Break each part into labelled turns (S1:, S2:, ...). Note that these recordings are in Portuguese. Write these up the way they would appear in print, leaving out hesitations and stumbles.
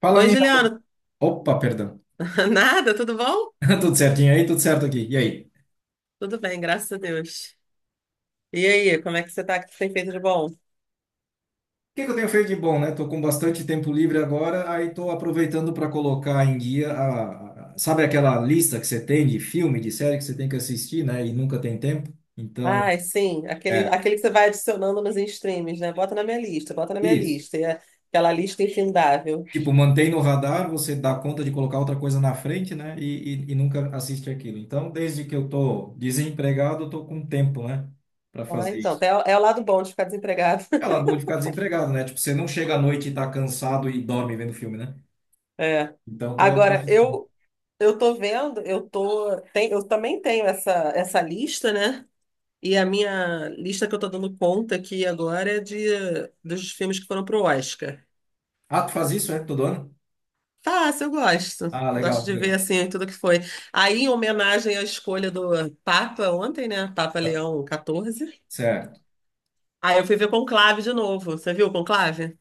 S1: Fala,
S2: Oi,
S1: em...
S2: Juliana.
S1: Opa, perdão.
S2: Nada, tudo bom?
S1: Tudo certinho aí? Tudo certo aqui. E aí?
S2: Tudo bem, graças a Deus. E aí, como é que você tá? O que você tem feito de bom?
S1: O que que eu tenho feito de bom, né? Tô com bastante tempo livre agora, aí tô aproveitando para colocar em guia. Sabe aquela lista que você tem de filme, de série que você tem que assistir, né? E nunca tem tempo? Então,
S2: Ai, sim, aquele,
S1: é,
S2: aquele que você vai adicionando nos streams, né? Bota na minha lista, bota na minha
S1: isso.
S2: lista. E é aquela lista infindável.
S1: Tipo, mantém no radar, você dá conta de colocar outra coisa na frente, né? E nunca assiste aquilo. Então, desde que eu tô desempregado, eu tô com tempo, né? Para
S2: Ah,
S1: fazer
S2: então,
S1: isso.
S2: é, é o lado bom de ficar desempregado.
S1: Ela boa de ficar desempregado, né? Tipo, você não chega à noite e tá cansado e dorme vendo filme, né?
S2: É.
S1: Então, tô
S2: Agora,
S1: assistindo.
S2: eu tô vendo, eu também tenho essa lista, né? E a minha lista que eu tô dando conta aqui agora é de dos filmes que foram pro Oscar.
S1: Ah, tu faz isso, é? Todo ano?
S2: Fácil, eu gosto.
S1: Ah,
S2: Gosto
S1: legal,
S2: de ver
S1: legal.
S2: assim tudo que foi. Aí, em homenagem à escolha do Papa ontem, né? Papa
S1: Tá,
S2: Leão XIV.
S1: certo.
S2: Aí eu fui ver Conclave de novo. Você viu o Conclave?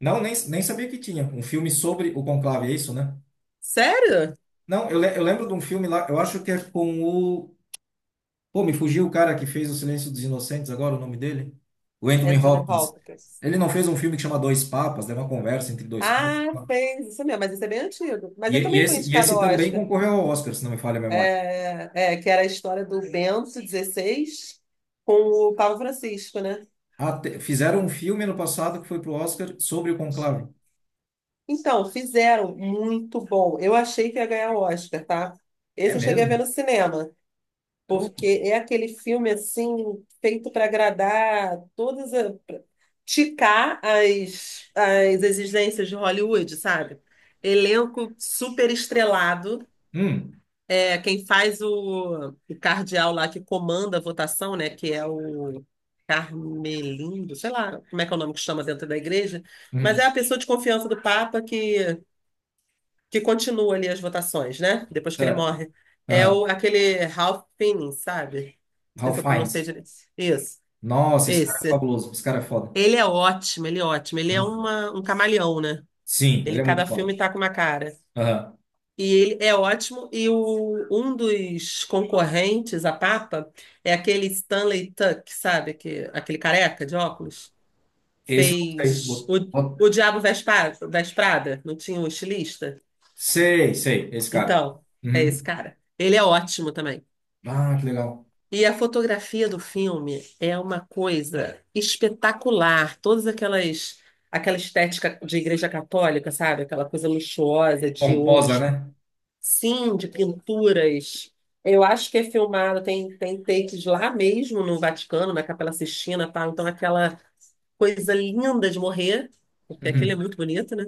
S1: Não, nem sabia que tinha. Um filme sobre o conclave, é isso, né?
S2: Sério?
S1: Não, eu lembro de um filme lá, eu acho que é com o. Pô, me fugiu o cara que fez O Silêncio dos Inocentes agora, o nome dele? O Anthony
S2: Anthony
S1: Hopkins.
S2: Hopkins.
S1: Ele não fez um filme que chama Dois Papas, né? Uma conversa entre dois
S2: Ah,
S1: papas.
S2: fez isso mesmo, mas isso é bem antigo. Mas
S1: E,
S2: ele
S1: e
S2: também foi
S1: esse, e
S2: indicado
S1: esse
S2: ao
S1: também
S2: Oscar.
S1: concorreu ao Oscar, se não me falha a memória.
S2: Que era a história do Bento XVI com o Papa Francisco, né?
S1: Fizeram um filme ano passado que foi pro Oscar sobre o Conclave.
S2: Então, fizeram muito bom. Eu achei que ia ganhar o Oscar, tá?
S1: É
S2: Esse eu cheguei a ver
S1: mesmo?
S2: no cinema.
S1: Oh,
S2: Porque é aquele filme assim feito para agradar todas a, pra ticar as, as exigências de Hollywood, sabe? Elenco super estrelado.
S1: hum,
S2: É, quem faz o cardeal lá que comanda a votação, né? Que é o Carmelindo, sei lá como é que é o nome que chama dentro da igreja, mas
S1: hum,
S2: é a pessoa de confiança do Papa que continua ali as votações, né? Depois que ele
S1: será?
S2: morre. É o,
S1: Aham.
S2: aquele Ralph Fiennes, sabe? Não sei se
S1: Ralph
S2: eu pronunciei
S1: Fiennes.
S2: direito. Isso,
S1: Nossa, esse cara é
S2: esse.
S1: fabuloso. Esse cara é foda.
S2: Ele é ótimo, ele é ótimo. Ele
S1: É
S2: é
S1: muito bom.
S2: uma, um camaleão, né?
S1: Sim,
S2: Ele,
S1: ele é muito
S2: cada
S1: foda.
S2: filme tá com uma cara.
S1: Aham.
S2: E ele é ótimo. E o, um dos concorrentes a Papa é aquele Stanley Tuck, sabe? Que, aquele careca de óculos.
S1: Esse eu gostei.
S2: Fez o Diabo Veste Prada, não tinha um estilista?
S1: Sei, sei, esse cara.
S2: Então, é esse
S1: Uhum.
S2: cara. Ele é ótimo também.
S1: Ah, que legal.
S2: E a fotografia do filme é uma coisa espetacular. Todas aquelas, aquela estética de igreja católica, sabe? Aquela coisa luxuosa de
S1: Pomposa,
S2: ouros,
S1: né?
S2: sim, de pinturas. Eu acho que é filmado, tem takes lá mesmo no Vaticano, na Capela Sistina, tá? Então aquela coisa linda de morrer, porque aquele é
S1: Uhum.
S2: muito bonito, né?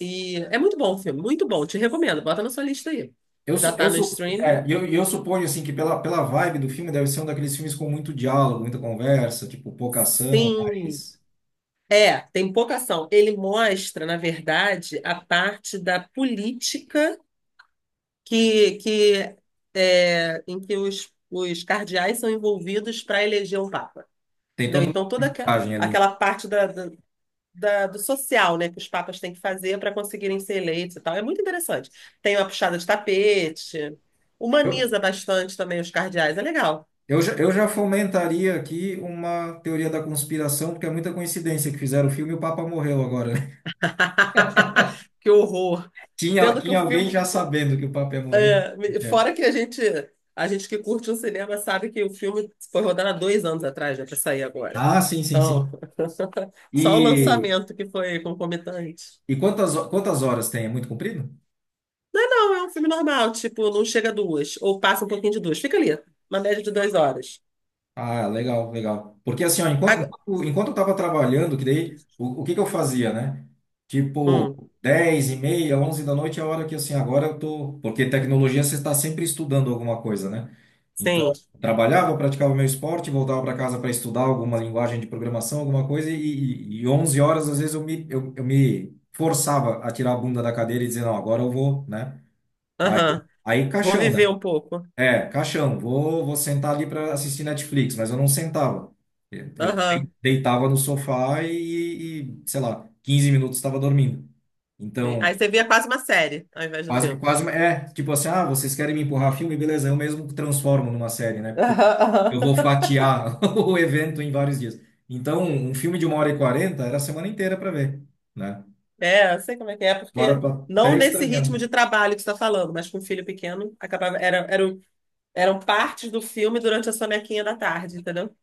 S2: E é muito bom o filme, muito bom. Te recomendo, bota na sua lista aí. Já tá no streaming?
S1: E eu suponho assim que pela vibe do filme deve ser um daqueles filmes com muito diálogo, muita conversa, tipo pouca ação,
S2: Sim.
S1: mas
S2: É, tem pouca ação. Ele mostra, na verdade, a parte da política que é, em que os cardeais são envolvidos para eleger o Papa.
S1: tem
S2: Entendeu?
S1: toda uma
S2: Então, toda
S1: mensagem ali.
S2: aquela parte da, do social, né, que os papas têm que fazer para conseguirem ser eleitos e tal. É muito interessante. Tem uma puxada de tapete, humaniza bastante também os cardeais. É legal.
S1: Eu já fomentaria aqui uma teoria da conspiração, porque é muita coincidência que fizeram o filme e o Papa morreu agora, né?
S2: Que horror.
S1: Tinha,
S2: Sendo que o
S1: tinha
S2: filme
S1: alguém já sabendo que o Papa ia morrer. É.
S2: Fora que a gente que curte um cinema sabe que o filme foi rodado há dois anos atrás, né, para sair agora.
S1: Ah, sim, sim,
S2: Então,
S1: sim.
S2: só o
S1: E,
S2: lançamento que foi concomitante.
S1: e quantas horas tem? É muito comprido?
S2: Não, é um filme normal, tipo, não chega a duas, ou passa um pouquinho de duas. Fica ali, uma média de duas horas.
S1: Ah, legal, legal. Porque assim, ó, enquanto,
S2: Agora,
S1: enquanto, enquanto eu tava trabalhando, que daí, o que que eu fazia, né? Tipo,
S2: hum,
S1: 10h30, 11 da noite é a hora que, assim, agora eu tô. Porque tecnologia você está sempre estudando alguma coisa, né? Então,
S2: sim,
S1: trabalhava, praticava meu esporte, voltava para casa para estudar alguma linguagem de programação, alguma coisa, e 11 horas, às vezes, eu me forçava a tirar a bunda da cadeira e dizer, não, agora eu vou, né? Aí,
S2: aham.
S1: aí
S2: Vou
S1: caixão,
S2: viver
S1: né?
S2: um pouco.
S1: É, caixão, vou sentar ali para assistir Netflix, mas eu não sentava. Eu
S2: Aham.
S1: deitava no sofá e, sei lá, 15 minutos estava dormindo.
S2: Sim.
S1: Então,
S2: Aí você via quase uma série ao invés do
S1: quase,
S2: filme.
S1: quase, é, tipo assim, ah, vocês querem me empurrar filme? Beleza, eu mesmo transformo numa série, né? Porque eu,
S2: Aham,
S1: eu vou
S2: aham.
S1: fatiar o evento em vários dias. Então, um filme de 1h40 era a semana inteira para ver, né?
S2: É, eu sei como é que é,
S1: Agora eu
S2: porque
S1: tô
S2: não
S1: até
S2: nesse ritmo
S1: estranhando.
S2: de trabalho que você está falando, mas com um filho pequeno, eram partes do filme durante a sonequinha da tarde, entendeu?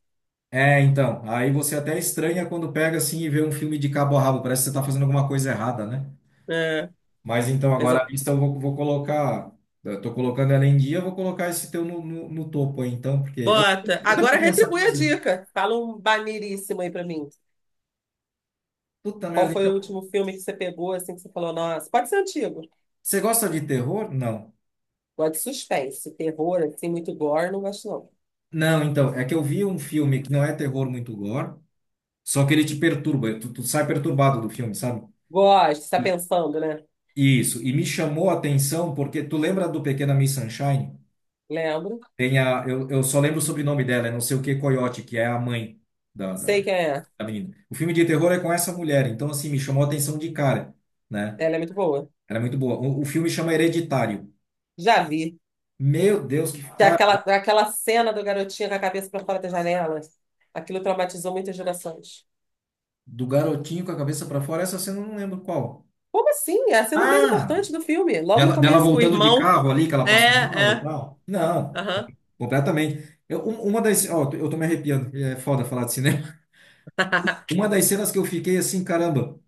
S1: É, então, aí você até estranha quando pega assim e vê um filme de cabo a rabo, parece que você tá fazendo alguma coisa errada, né?
S2: É,
S1: Mas então agora
S2: exa-
S1: a lista eu vou, colocar. Estou colocando ela em dia, eu vou colocar esse teu no, no topo aí, então, porque eu, também-
S2: Bota.
S1: eu também
S2: Agora
S1: tenho essa
S2: retribui a
S1: coisa.
S2: dica. Fala um maneiríssimo aí pra mim.
S1: Puta
S2: Qual
S1: merda,
S2: foi o
S1: então.
S2: último filme que você pegou, assim, que você falou, nossa, pode ser antigo.
S1: Você gosta de terror? Não.
S2: Gosto de suspense, terror, assim, muito gore, não gosto não.
S1: Não, então, é que eu vi um filme que não é terror muito gore, só que ele te perturba, tu sai perturbado do filme, sabe?
S2: Gosto, você tá pensando, né?
S1: E, isso, e me chamou a atenção porque tu lembra do Pequena Miss Sunshine?
S2: Lembro.
S1: Tem a, eu só lembro o sobrenome dela, é não sei o que Coyote, que é a mãe da
S2: Sei quem é.
S1: a menina. O filme de terror é com essa mulher, então assim, me chamou a atenção de cara, né?
S2: Ela é muito boa.
S1: Era muito boa. O filme chama Hereditário.
S2: Já vi.
S1: Meu Deus, que
S2: Que
S1: cara,
S2: é aquela cena do garotinho com a cabeça para fora da janela, aquilo traumatizou muitas gerações.
S1: do garotinho com a cabeça pra fora, essa cena eu não lembro qual.
S2: Como assim? É a cena mais
S1: Ah,
S2: importante do filme, logo no
S1: dela
S2: começo, com o
S1: voltando de
S2: irmão.
S1: carro ali, que ela
S2: É,
S1: passou mal e
S2: é.
S1: tal. Não,
S2: Aham.
S1: completamente. Eu, um- uma das, ó, eu tô me arrepiando, é foda falar de cinema. Uma das cenas que eu fiquei assim, caramba,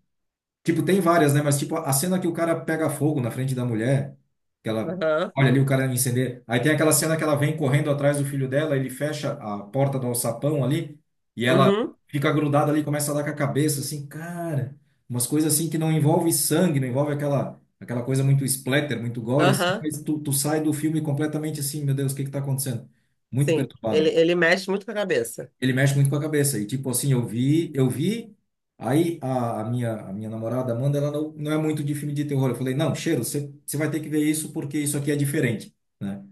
S1: tipo, tem várias, né? Mas, tipo, a cena que o cara pega fogo na frente da mulher, que ela
S2: Aham.
S1: olha ali o cara incender. Aí tem aquela cena que ela vem correndo atrás do filho dela, ele fecha a porta do alçapão ali, e ela
S2: Uhum.
S1: fica grudada ali, começa a dar com a cabeça, assim, cara. Umas coisas assim que não envolve sangue, não envolve aquela, coisa muito splatter, muito gore, assim,
S2: Aham.
S1: mas tu sai do filme completamente assim, meu Deus, o que que tá acontecendo? Muito
S2: Sim,
S1: perturbado.
S2: ele mexe muito com a cabeça.
S1: Ele mexe muito com a cabeça. E tipo assim, eu vi, eu vi. Aí a, a minha namorada Amanda, ela não é muito de filme de terror. Eu falei, não, Cheiro, você vai ter que ver isso porque isso aqui é diferente, né?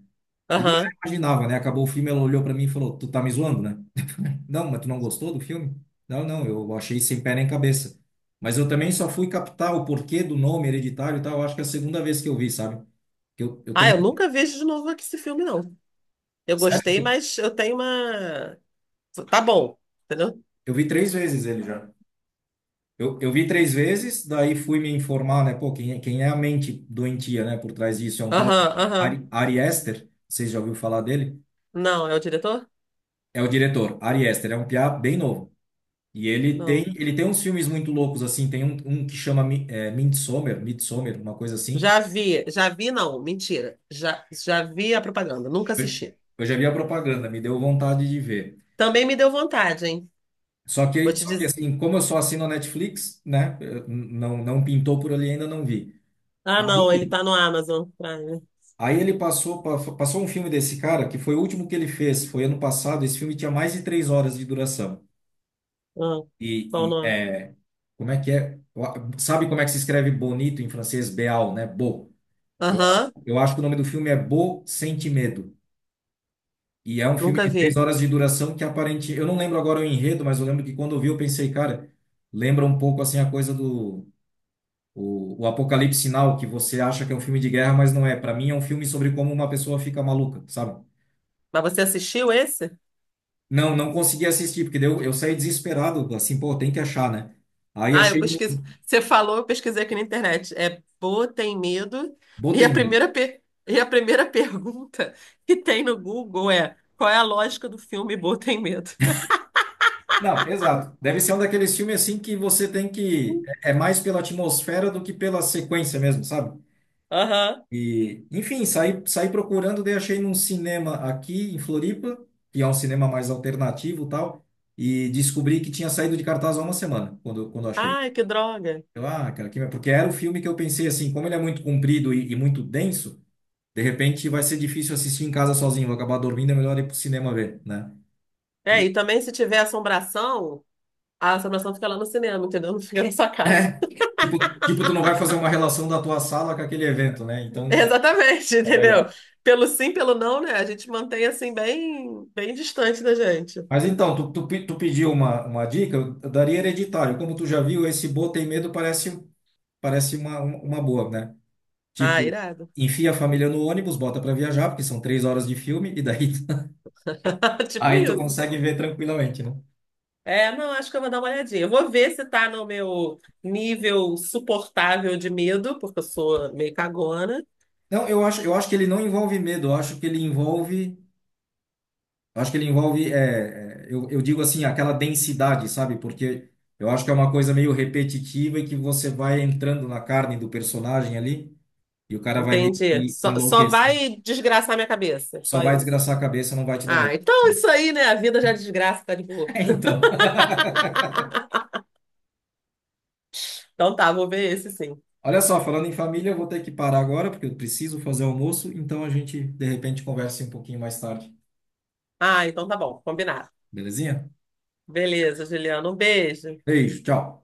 S1: E daí eu já
S2: Aham.
S1: imaginava, né? Acabou o filme, ela olhou pra mim e falou, tu tá me zoando, né? Não, mas tu não gostou do filme? Não, não, eu achei sem pé nem cabeça. Mas eu também só fui captar o porquê do nome hereditário e tal. Eu acho que é a segunda vez que eu vi, sabe? Que eu
S2: Ah,
S1: também,
S2: eu nunca vejo de novo aqui esse filme, não. Eu gostei,
S1: sério,
S2: mas eu tenho uma. Tá bom, entendeu?
S1: eu vi 3 vezes ele já. Eu vi 3 vezes, daí fui me informar, né? Pô, quem é a mente doentia, né? Por trás disso é um tal de
S2: Aham, aham.
S1: Ari Aster, vocês já ouviram falar dele?
S2: Não, é o diretor?
S1: É o diretor, Ari Aster, é um piá bem novo. E ele tem,
S2: Não.
S1: ele tem uns filmes muito loucos, assim, tem um que chama Midsommar, Midsommar, uma coisa assim.
S2: Não, mentira. Já vi a propaganda, nunca
S1: Eu,
S2: assisti.
S1: eu já vi a propaganda, me deu vontade de ver.
S2: Também me deu vontade, hein?
S1: Só
S2: Vou
S1: que,
S2: te
S1: só que
S2: dizer.
S1: assim, como eu só assino a Netflix, né? Não, não pintou por ali, ainda não vi.
S2: Ah,
S1: Aí
S2: não, ele tá no Amazon Prime.
S1: Aí ele passou um filme desse cara, que foi o último que ele fez, foi ano passado. Esse filme tinha mais de 3 horas de duração.
S2: Ah, qual o
S1: E, e,
S2: nome?
S1: é, como é que é? Sabe como é que se escreve bonito em francês? Beal, né? Beau. Eu,
S2: Aham,
S1: eu acho que o nome do filme é Beau Sente Medo. E é um filme
S2: nunca
S1: de três
S2: vi.
S1: horas de duração que aparente. Eu não lembro agora o enredo, mas eu lembro que quando eu vi, eu pensei, cara, lembra um pouco assim a coisa do. O Apocalipse Sinal, que você acha que é um filme de guerra, mas não é. Para mim, é um filme sobre como uma pessoa fica maluca, sabe?
S2: Mas você assistiu esse?
S1: Não, não consegui assistir, porque daí eu saí desesperado, assim, pô, tem que achar, né? Aí
S2: Ah, eu
S1: achei,
S2: pesquisei. Você falou, eu pesquisei aqui na internet. É Pô, tem medo. E a
S1: botei medo.
S2: primeira, pe- e a primeira pergunta que tem no Google é: qual é a lógica do filme Pô, tem medo?
S1: Não, exato. Deve ser um daqueles filmes assim que você tem que. É mais pela atmosfera do que pela sequência mesmo, sabe?
S2: Aham.
S1: E, enfim, saí procurando, daí achei num cinema aqui em Floripa, que é um cinema mais alternativo e tal, e descobri que tinha saído de cartaz há uma semana, quando achei.
S2: Ai, que droga.
S1: Ah, cara, que, porque era o filme que eu pensei assim, como ele é muito comprido e muito denso. De repente vai ser difícil assistir em casa sozinho, vou acabar dormindo, é melhor ir pro cinema ver, né?
S2: É,
S1: E,
S2: e também se tiver assombração. A assombração fica lá no cinema, entendeu? Não fica na sua casa.
S1: é, tipo, tu não vai fazer uma relação da tua sala com aquele evento, né? Então é,
S2: Exatamente,
S1: é
S2: entendeu?
S1: melhor.
S2: Pelo sim, pelo não, né? A gente mantém assim bem, bem distante da gente.
S1: Mas então, tu pediu uma dica, eu daria hereditário. Como tu já viu, esse bo tem Medo parece uma boa, né?
S2: Ah,
S1: Tipo,
S2: irado.
S1: enfia a família no ônibus, bota pra viajar, porque são 3 horas de filme, e daí
S2: Tipo
S1: aí tu
S2: isso.
S1: consegue ver tranquilamente, né?
S2: É, não, acho que eu vou dar uma olhadinha. Eu vou ver se tá no meu nível suportável de medo, porque eu sou meio cagona.
S1: Não, eu acho, que ele não envolve medo, eu acho que ele envolve. Acho que ele envolve, eu digo assim, aquela densidade, sabe? Porque eu acho que é uma coisa meio repetitiva e que você vai entrando na carne do personagem ali e o cara vai meio
S2: Entendi.
S1: que
S2: Só
S1: enlouquecendo.
S2: vai desgraçar minha cabeça,
S1: Só
S2: só
S1: vai
S2: isso.
S1: desgraçar a cabeça, não vai te dar
S2: Ah,
S1: medo.
S2: então é isso aí, né? A vida já é desgraça, tá de boa.
S1: É, então.
S2: Então tá, vou ver esse sim.
S1: Olha só, falando em família, eu vou ter que parar agora porque eu preciso fazer almoço, então a gente de repente conversa um pouquinho mais tarde.
S2: Ah, então tá bom, combinado.
S1: Belezinha?
S2: Beleza, Juliana. Um beijo.
S1: Beijo, tchau.